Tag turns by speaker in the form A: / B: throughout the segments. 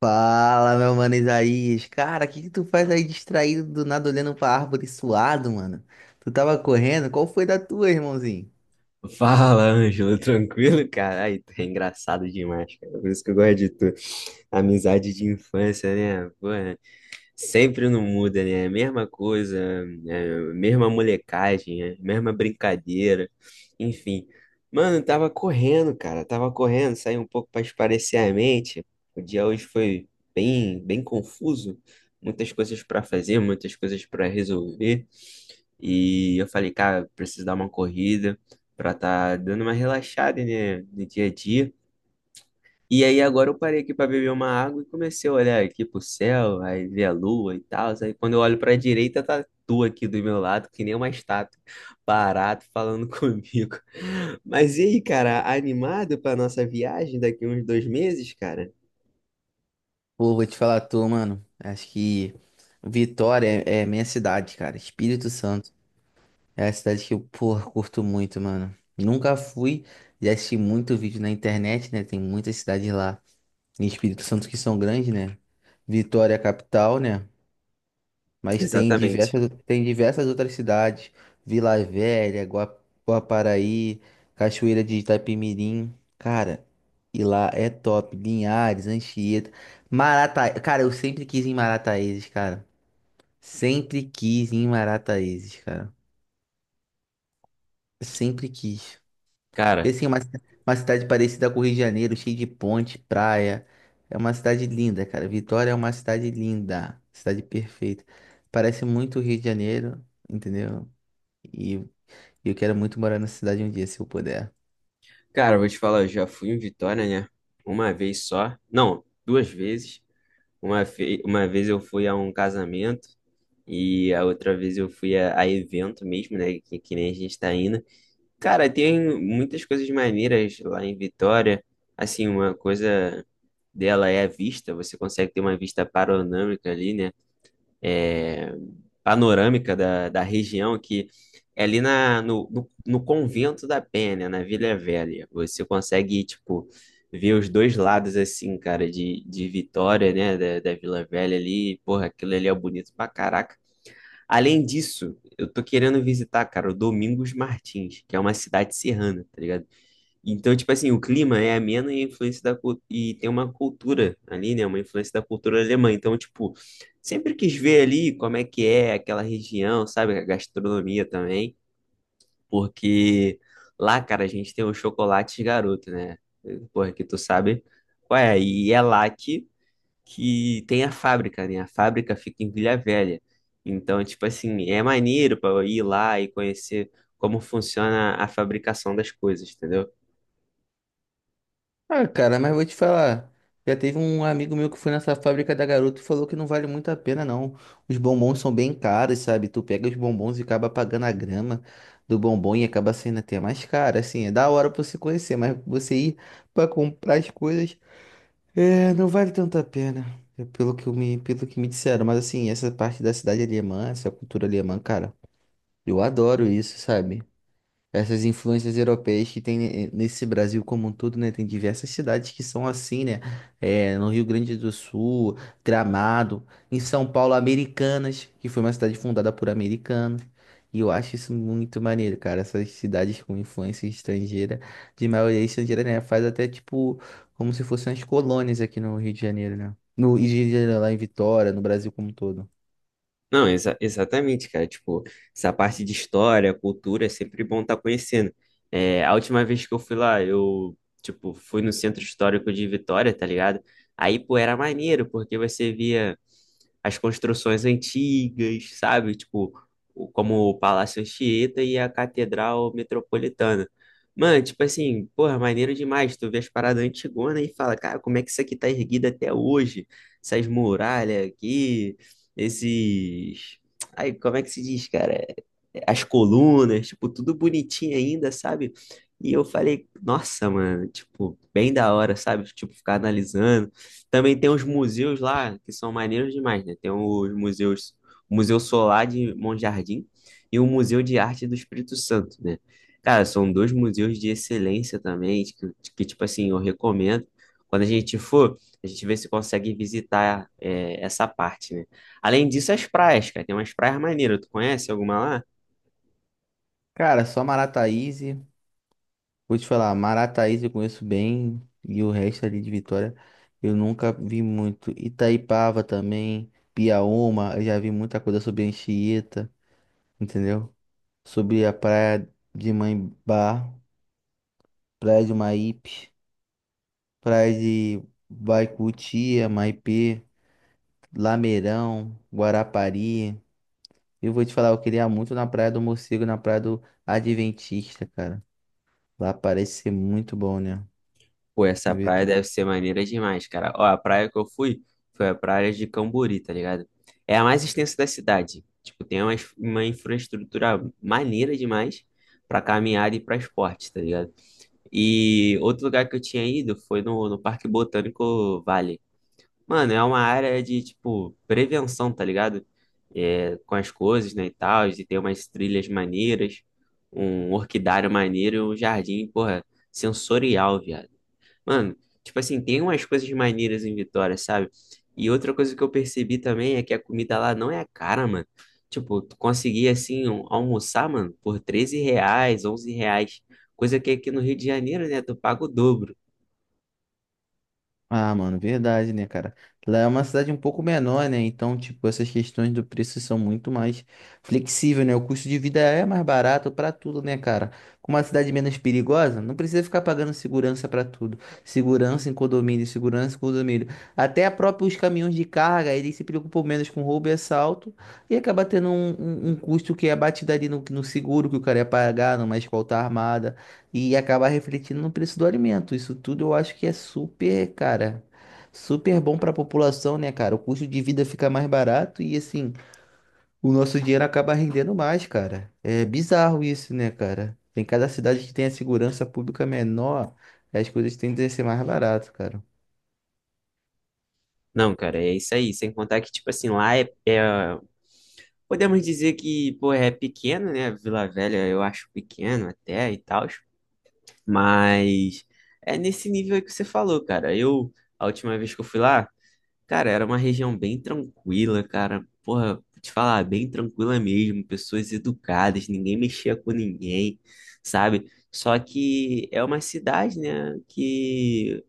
A: Fala, meu mano Isaías. Cara, o que que tu faz aí distraído do nada olhando pra árvore suado, mano? Tu tava correndo? Qual foi da tua, irmãozinho?
B: Fala, Ângelo, tranquilo, cara? Ai, tu é engraçado demais, cara. Por isso que eu gosto de tu. Amizade de infância, né? Pô, é, sempre não muda, né? Mesma coisa, é, mesma molecagem, é, mesma brincadeira, enfim. Mano, tava correndo, cara. Tava correndo, saí um pouco pra espairecer a mente. O dia hoje foi bem confuso. Muitas coisas pra fazer, muitas coisas pra resolver. E eu falei, cara, preciso dar uma corrida pra tá dando uma relaxada, né, no dia a dia. E aí agora eu parei aqui pra beber uma água e comecei a olhar aqui pro céu, aí ver a lua e tal. Aí quando eu olho pra direita, tá tu aqui do meu lado, que nem uma estátua, parado falando comigo. Mas e aí, cara, animado pra nossa viagem daqui uns 2 meses, cara?
A: Pô, vou te falar a tua, mano. Acho que Vitória é minha cidade, cara. Espírito Santo. É a cidade que eu, pô, curto muito, mano. Nunca fui, já assisti muito vídeo na internet, né? Tem muitas cidades lá em Espírito Santo que são grandes, né? Vitória é a capital, né? Mas
B: Exatamente.
A: tem diversas outras cidades, Vila Velha, Guaparaí, Cachoeira de Itapemirim. Cara, e lá é top. Linhares, Anchieta, Marataízes. Cara, eu sempre quis ir em Marataízes, cara. Sempre quis ir em Marataízes, cara. Sempre quis. E
B: Cara,
A: assim, é uma cidade parecida com o Rio de Janeiro, cheia de ponte, praia. É uma cidade linda, cara. Vitória é uma cidade linda, cidade perfeita. Parece muito o Rio de Janeiro, entendeu? E eu quero muito morar nessa cidade um dia, se eu puder.
B: cara, eu vou te falar, eu já fui em Vitória, né? Uma vez só. Não, duas vezes. Uma, uma vez eu fui a um casamento e a outra vez eu fui a evento mesmo, né? Que nem a gente tá indo. Cara, tem muitas coisas maneiras lá em Vitória. Assim, uma coisa dela é a vista. Você consegue ter uma vista panorâmica ali, né? É, panorâmica da região, que é ali na, no, no, no Convento da Penha, na Vila Velha. Você consegue, tipo, ver os dois lados, assim, cara, de Vitória, né, da Vila Velha ali. Porra, aquilo ali é bonito pra caraca. Além disso, eu tô querendo visitar, cara, o Domingos Martins, que é uma cidade serrana, tá ligado? Então, tipo assim, o clima é ameno e a influência e tem uma cultura ali, né? Uma influência da cultura alemã. Então, tipo, sempre quis ver ali como é que é aquela região, sabe? A gastronomia também, porque lá, cara, a gente tem o chocolate garoto, né? Porra, que tu sabe qual é? E é lá que tem a fábrica, né? A fábrica fica em Vila Velha. Então, tipo assim, é maneiro para ir lá e conhecer como funciona a fabricação das coisas, entendeu?
A: Ah, cara, mas vou te falar. Já teve um amigo meu que foi nessa fábrica da Garoto e falou que não vale muito a pena, não. Os bombons são bem caros, sabe? Tu pega os bombons e acaba pagando a grama do bombom e acaba sendo até mais caro. Assim, é da hora pra você conhecer, mas você ir pra comprar as coisas, é, não vale tanto a pena. É, pelo que eu pelo que me disseram. Mas assim, essa parte da cidade alemã, essa cultura alemã, cara, eu adoro isso, sabe? Essas influências europeias que tem nesse Brasil como um todo, né? Tem diversas cidades que são assim, né? É, no Rio Grande do Sul, Gramado, em São Paulo, Americanas, que foi uma cidade fundada por americanos. E eu acho isso muito maneiro, cara. Essas cidades com influência estrangeira, de maioria estrangeira, né? Faz até tipo como se fossem as colônias aqui no Rio de Janeiro, né? No Rio de Janeiro, lá em Vitória, no Brasil como um todo.
B: Não, exatamente, cara. Tipo, essa parte de história, cultura, é sempre bom estar conhecendo. É, a última vez que eu fui lá, eu, tipo, fui no Centro Histórico de Vitória, tá ligado? Aí, pô, era maneiro, porque você via as construções antigas, sabe? Tipo, como o Palácio Anchieta e a Catedral Metropolitana. Mano, tipo assim, porra, maneiro demais. Tu vê as paradas antigonas e fala, cara, como é que isso aqui tá erguido até hoje? Essas muralhas aqui, esses. Aí, como é que se diz, cara? As colunas, tipo, tudo bonitinho ainda, sabe? E eu falei, nossa, mano, tipo, bem da hora, sabe? Tipo, ficar analisando. Também tem os museus lá que são maneiros demais, né? Tem os museus, o Museu Solar de Monjardim e o Museu de Arte do Espírito Santo, né? Cara, são dois museus de excelência também, de que, tipo assim, eu recomendo. Quando a gente for, a gente vê se consegue visitar é, essa parte, né? Além disso, as praias, cara, tem umas praias maneiras. Tu conhece alguma lá?
A: Cara, só Marataízes. Vou te falar, Marataízes eu conheço bem e o resto ali de Vitória eu nunca vi muito. Itaipava também, Piaúma, eu já vi muita coisa sobre Anchieta, entendeu? Sobre a praia de Maimbá, praia de Maípe, praia de Baicutia, Maipê, Lameirão, Guarapari. Eu vou te falar, eu queria muito na praia do Morcego, na praia do Adventista, cara. Lá parece ser muito bom, né?
B: Pô, essa praia deve ser maneira demais, cara. Ó, a praia que eu fui foi a praia de Cambori, tá ligado? É a mais extensa da cidade. Tipo, tem uma infraestrutura maneira demais pra caminhada e pra esporte, tá ligado? E outro lugar que eu tinha ido foi no Parque Botânico Vale. Mano, é uma área de, tipo, prevenção, tá ligado? É, com as coisas, né, e tal. E tem umas trilhas maneiras, um orquidário maneiro e um jardim, porra, sensorial, viado. Mano, tipo assim, tem umas coisas maneiras em Vitória, sabe? E outra coisa que eu percebi também é que a comida lá não é cara, mano. Tipo, tu conseguia assim almoçar, mano, por R$ 13, R$ 11. Coisa que aqui no Rio de Janeiro, né, tu paga o dobro.
A: Ah, mano, verdade, né, cara? Lá é uma cidade um pouco menor, né? Então, tipo, essas questões do preço são muito mais flexíveis, né? O custo de vida é mais barato pra tudo, né, cara? Com uma cidade menos perigosa, não precisa ficar pagando segurança pra tudo. Segurança em condomínio, segurança em condomínio. Até a própria, os caminhões de carga, eles se preocupam menos com roubo e assalto e acaba tendo um custo que é abatido ali no seguro que o cara ia pagar, numa escolta armada, e acabar refletindo no preço do alimento. Isso tudo eu acho que é super, cara, super bom para a população, né, cara? O custo de vida fica mais barato e assim, o nosso dinheiro acaba rendendo mais, cara. É bizarro isso, né, cara? Tem cada cidade que tem a segurança pública menor, as coisas tendem a ser mais barato, cara.
B: Não, cara, é isso aí. Sem contar que, tipo assim, Podemos dizer que, pô, é pequeno, né? Vila Velha eu acho pequeno até e tal. Mas é nesse nível aí que você falou, cara. Eu, a última vez que eu fui lá. Cara, era uma região bem tranquila, cara. Porra, vou te falar, bem tranquila mesmo. Pessoas educadas, ninguém mexia com ninguém, sabe? Só que é uma cidade, né? Que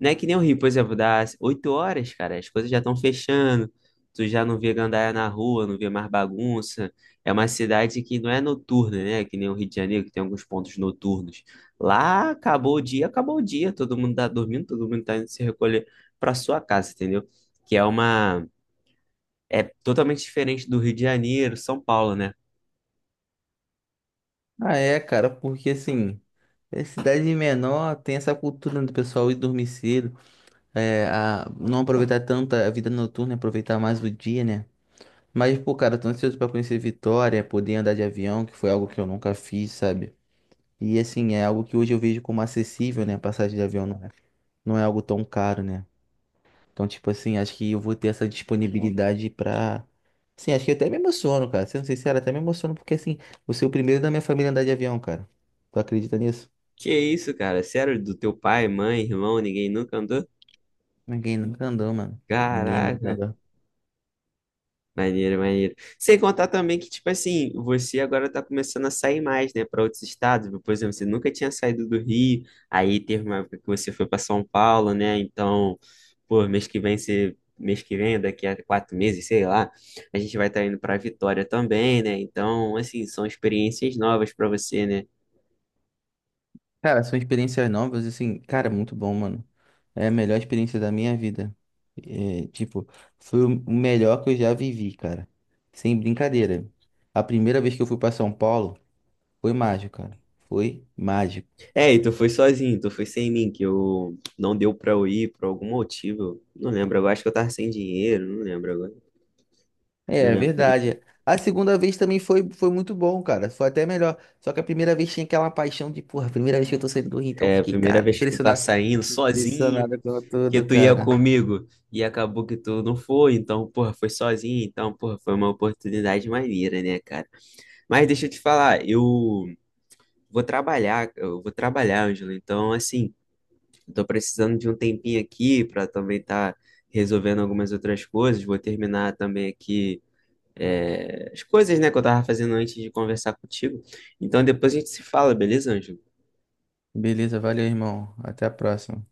B: não é que nem o Rio, por exemplo, das 8 horas, cara, as coisas já estão fechando, tu já não vê gandaia na rua, não vê mais bagunça. É uma cidade que não é noturna, né? Que nem o Rio de Janeiro, que tem alguns pontos noturnos. Lá acabou o dia, todo mundo tá dormindo, todo mundo tá indo se recolher pra sua casa, entendeu? Que é uma. É totalmente diferente do Rio de Janeiro, São Paulo, né?
A: Ah, é, cara, porque assim, é cidade menor, tem essa cultura, né, do pessoal ir dormir cedo, é, a, não aproveitar tanto a vida noturna, aproveitar mais o dia, né? Mas, pô, cara, tô ansioso pra conhecer Vitória, poder andar de avião, que foi algo que eu nunca fiz, sabe? E, assim, é algo que hoje eu vejo como acessível, né? A passagem de avião não é algo tão caro, né? Então, tipo assim, acho que eu vou ter essa disponibilidade pra... Sim, acho que eu até me emociono, cara. Sendo sincero, até me emociono, porque, assim, você é o primeiro da minha família a andar de avião, cara. Tu acredita nisso?
B: Que isso, cara? Sério, do teu pai, mãe, irmão, ninguém nunca andou?
A: Ninguém nunca andou, mano. Ninguém nunca
B: Caraca.
A: andou.
B: Maneiro, maneiro. Sem contar também que, tipo assim, você agora tá começando a sair mais, né, para outros estados. Por exemplo, você nunca tinha saído do Rio, aí teve uma época que você foi para São Paulo, né? Então, pô, mês que vem você. Mês que vem, daqui a 4 meses, sei lá, a gente vai estar indo para Vitória também, né? Então, assim, são experiências novas para você, né?
A: Cara, são experiências novas, assim, cara, muito bom, mano. É a melhor experiência da minha vida. É, tipo, foi o melhor que eu já vivi, cara. Sem brincadeira. A primeira vez que eu fui pra São Paulo foi mágico, cara. Foi mágico.
B: É, e tu foi sozinho, tu foi sem mim, que eu não deu para eu ir por algum motivo. Não lembro, eu acho que eu tava sem dinheiro, não lembro agora.
A: É,
B: Não
A: é
B: lembro.
A: verdade. A segunda vez também foi muito bom, cara. Foi até melhor. Só que a primeira vez tinha aquela paixão de, porra, primeira vez que eu tô saindo do Rio, então eu
B: A
A: fiquei,
B: primeira
A: cara,
B: vez que tu tá
A: impressionado,
B: saindo sozinho,
A: impressionado com
B: que
A: tudo,
B: tu ia
A: cara.
B: comigo e acabou que tu não foi, então, porra, foi sozinho, então, porra, foi uma oportunidade maneira, né, cara? Mas deixa eu te falar, eu vou trabalhar, Ângelo, então, assim, eu tô precisando de um tempinho aqui pra também tá resolvendo algumas outras coisas, vou terminar também aqui. É, as coisas, né, que eu tava fazendo antes de conversar contigo. Então, depois a gente se fala, beleza, Ângelo?
A: Beleza, valeu, irmão. Até a próxima.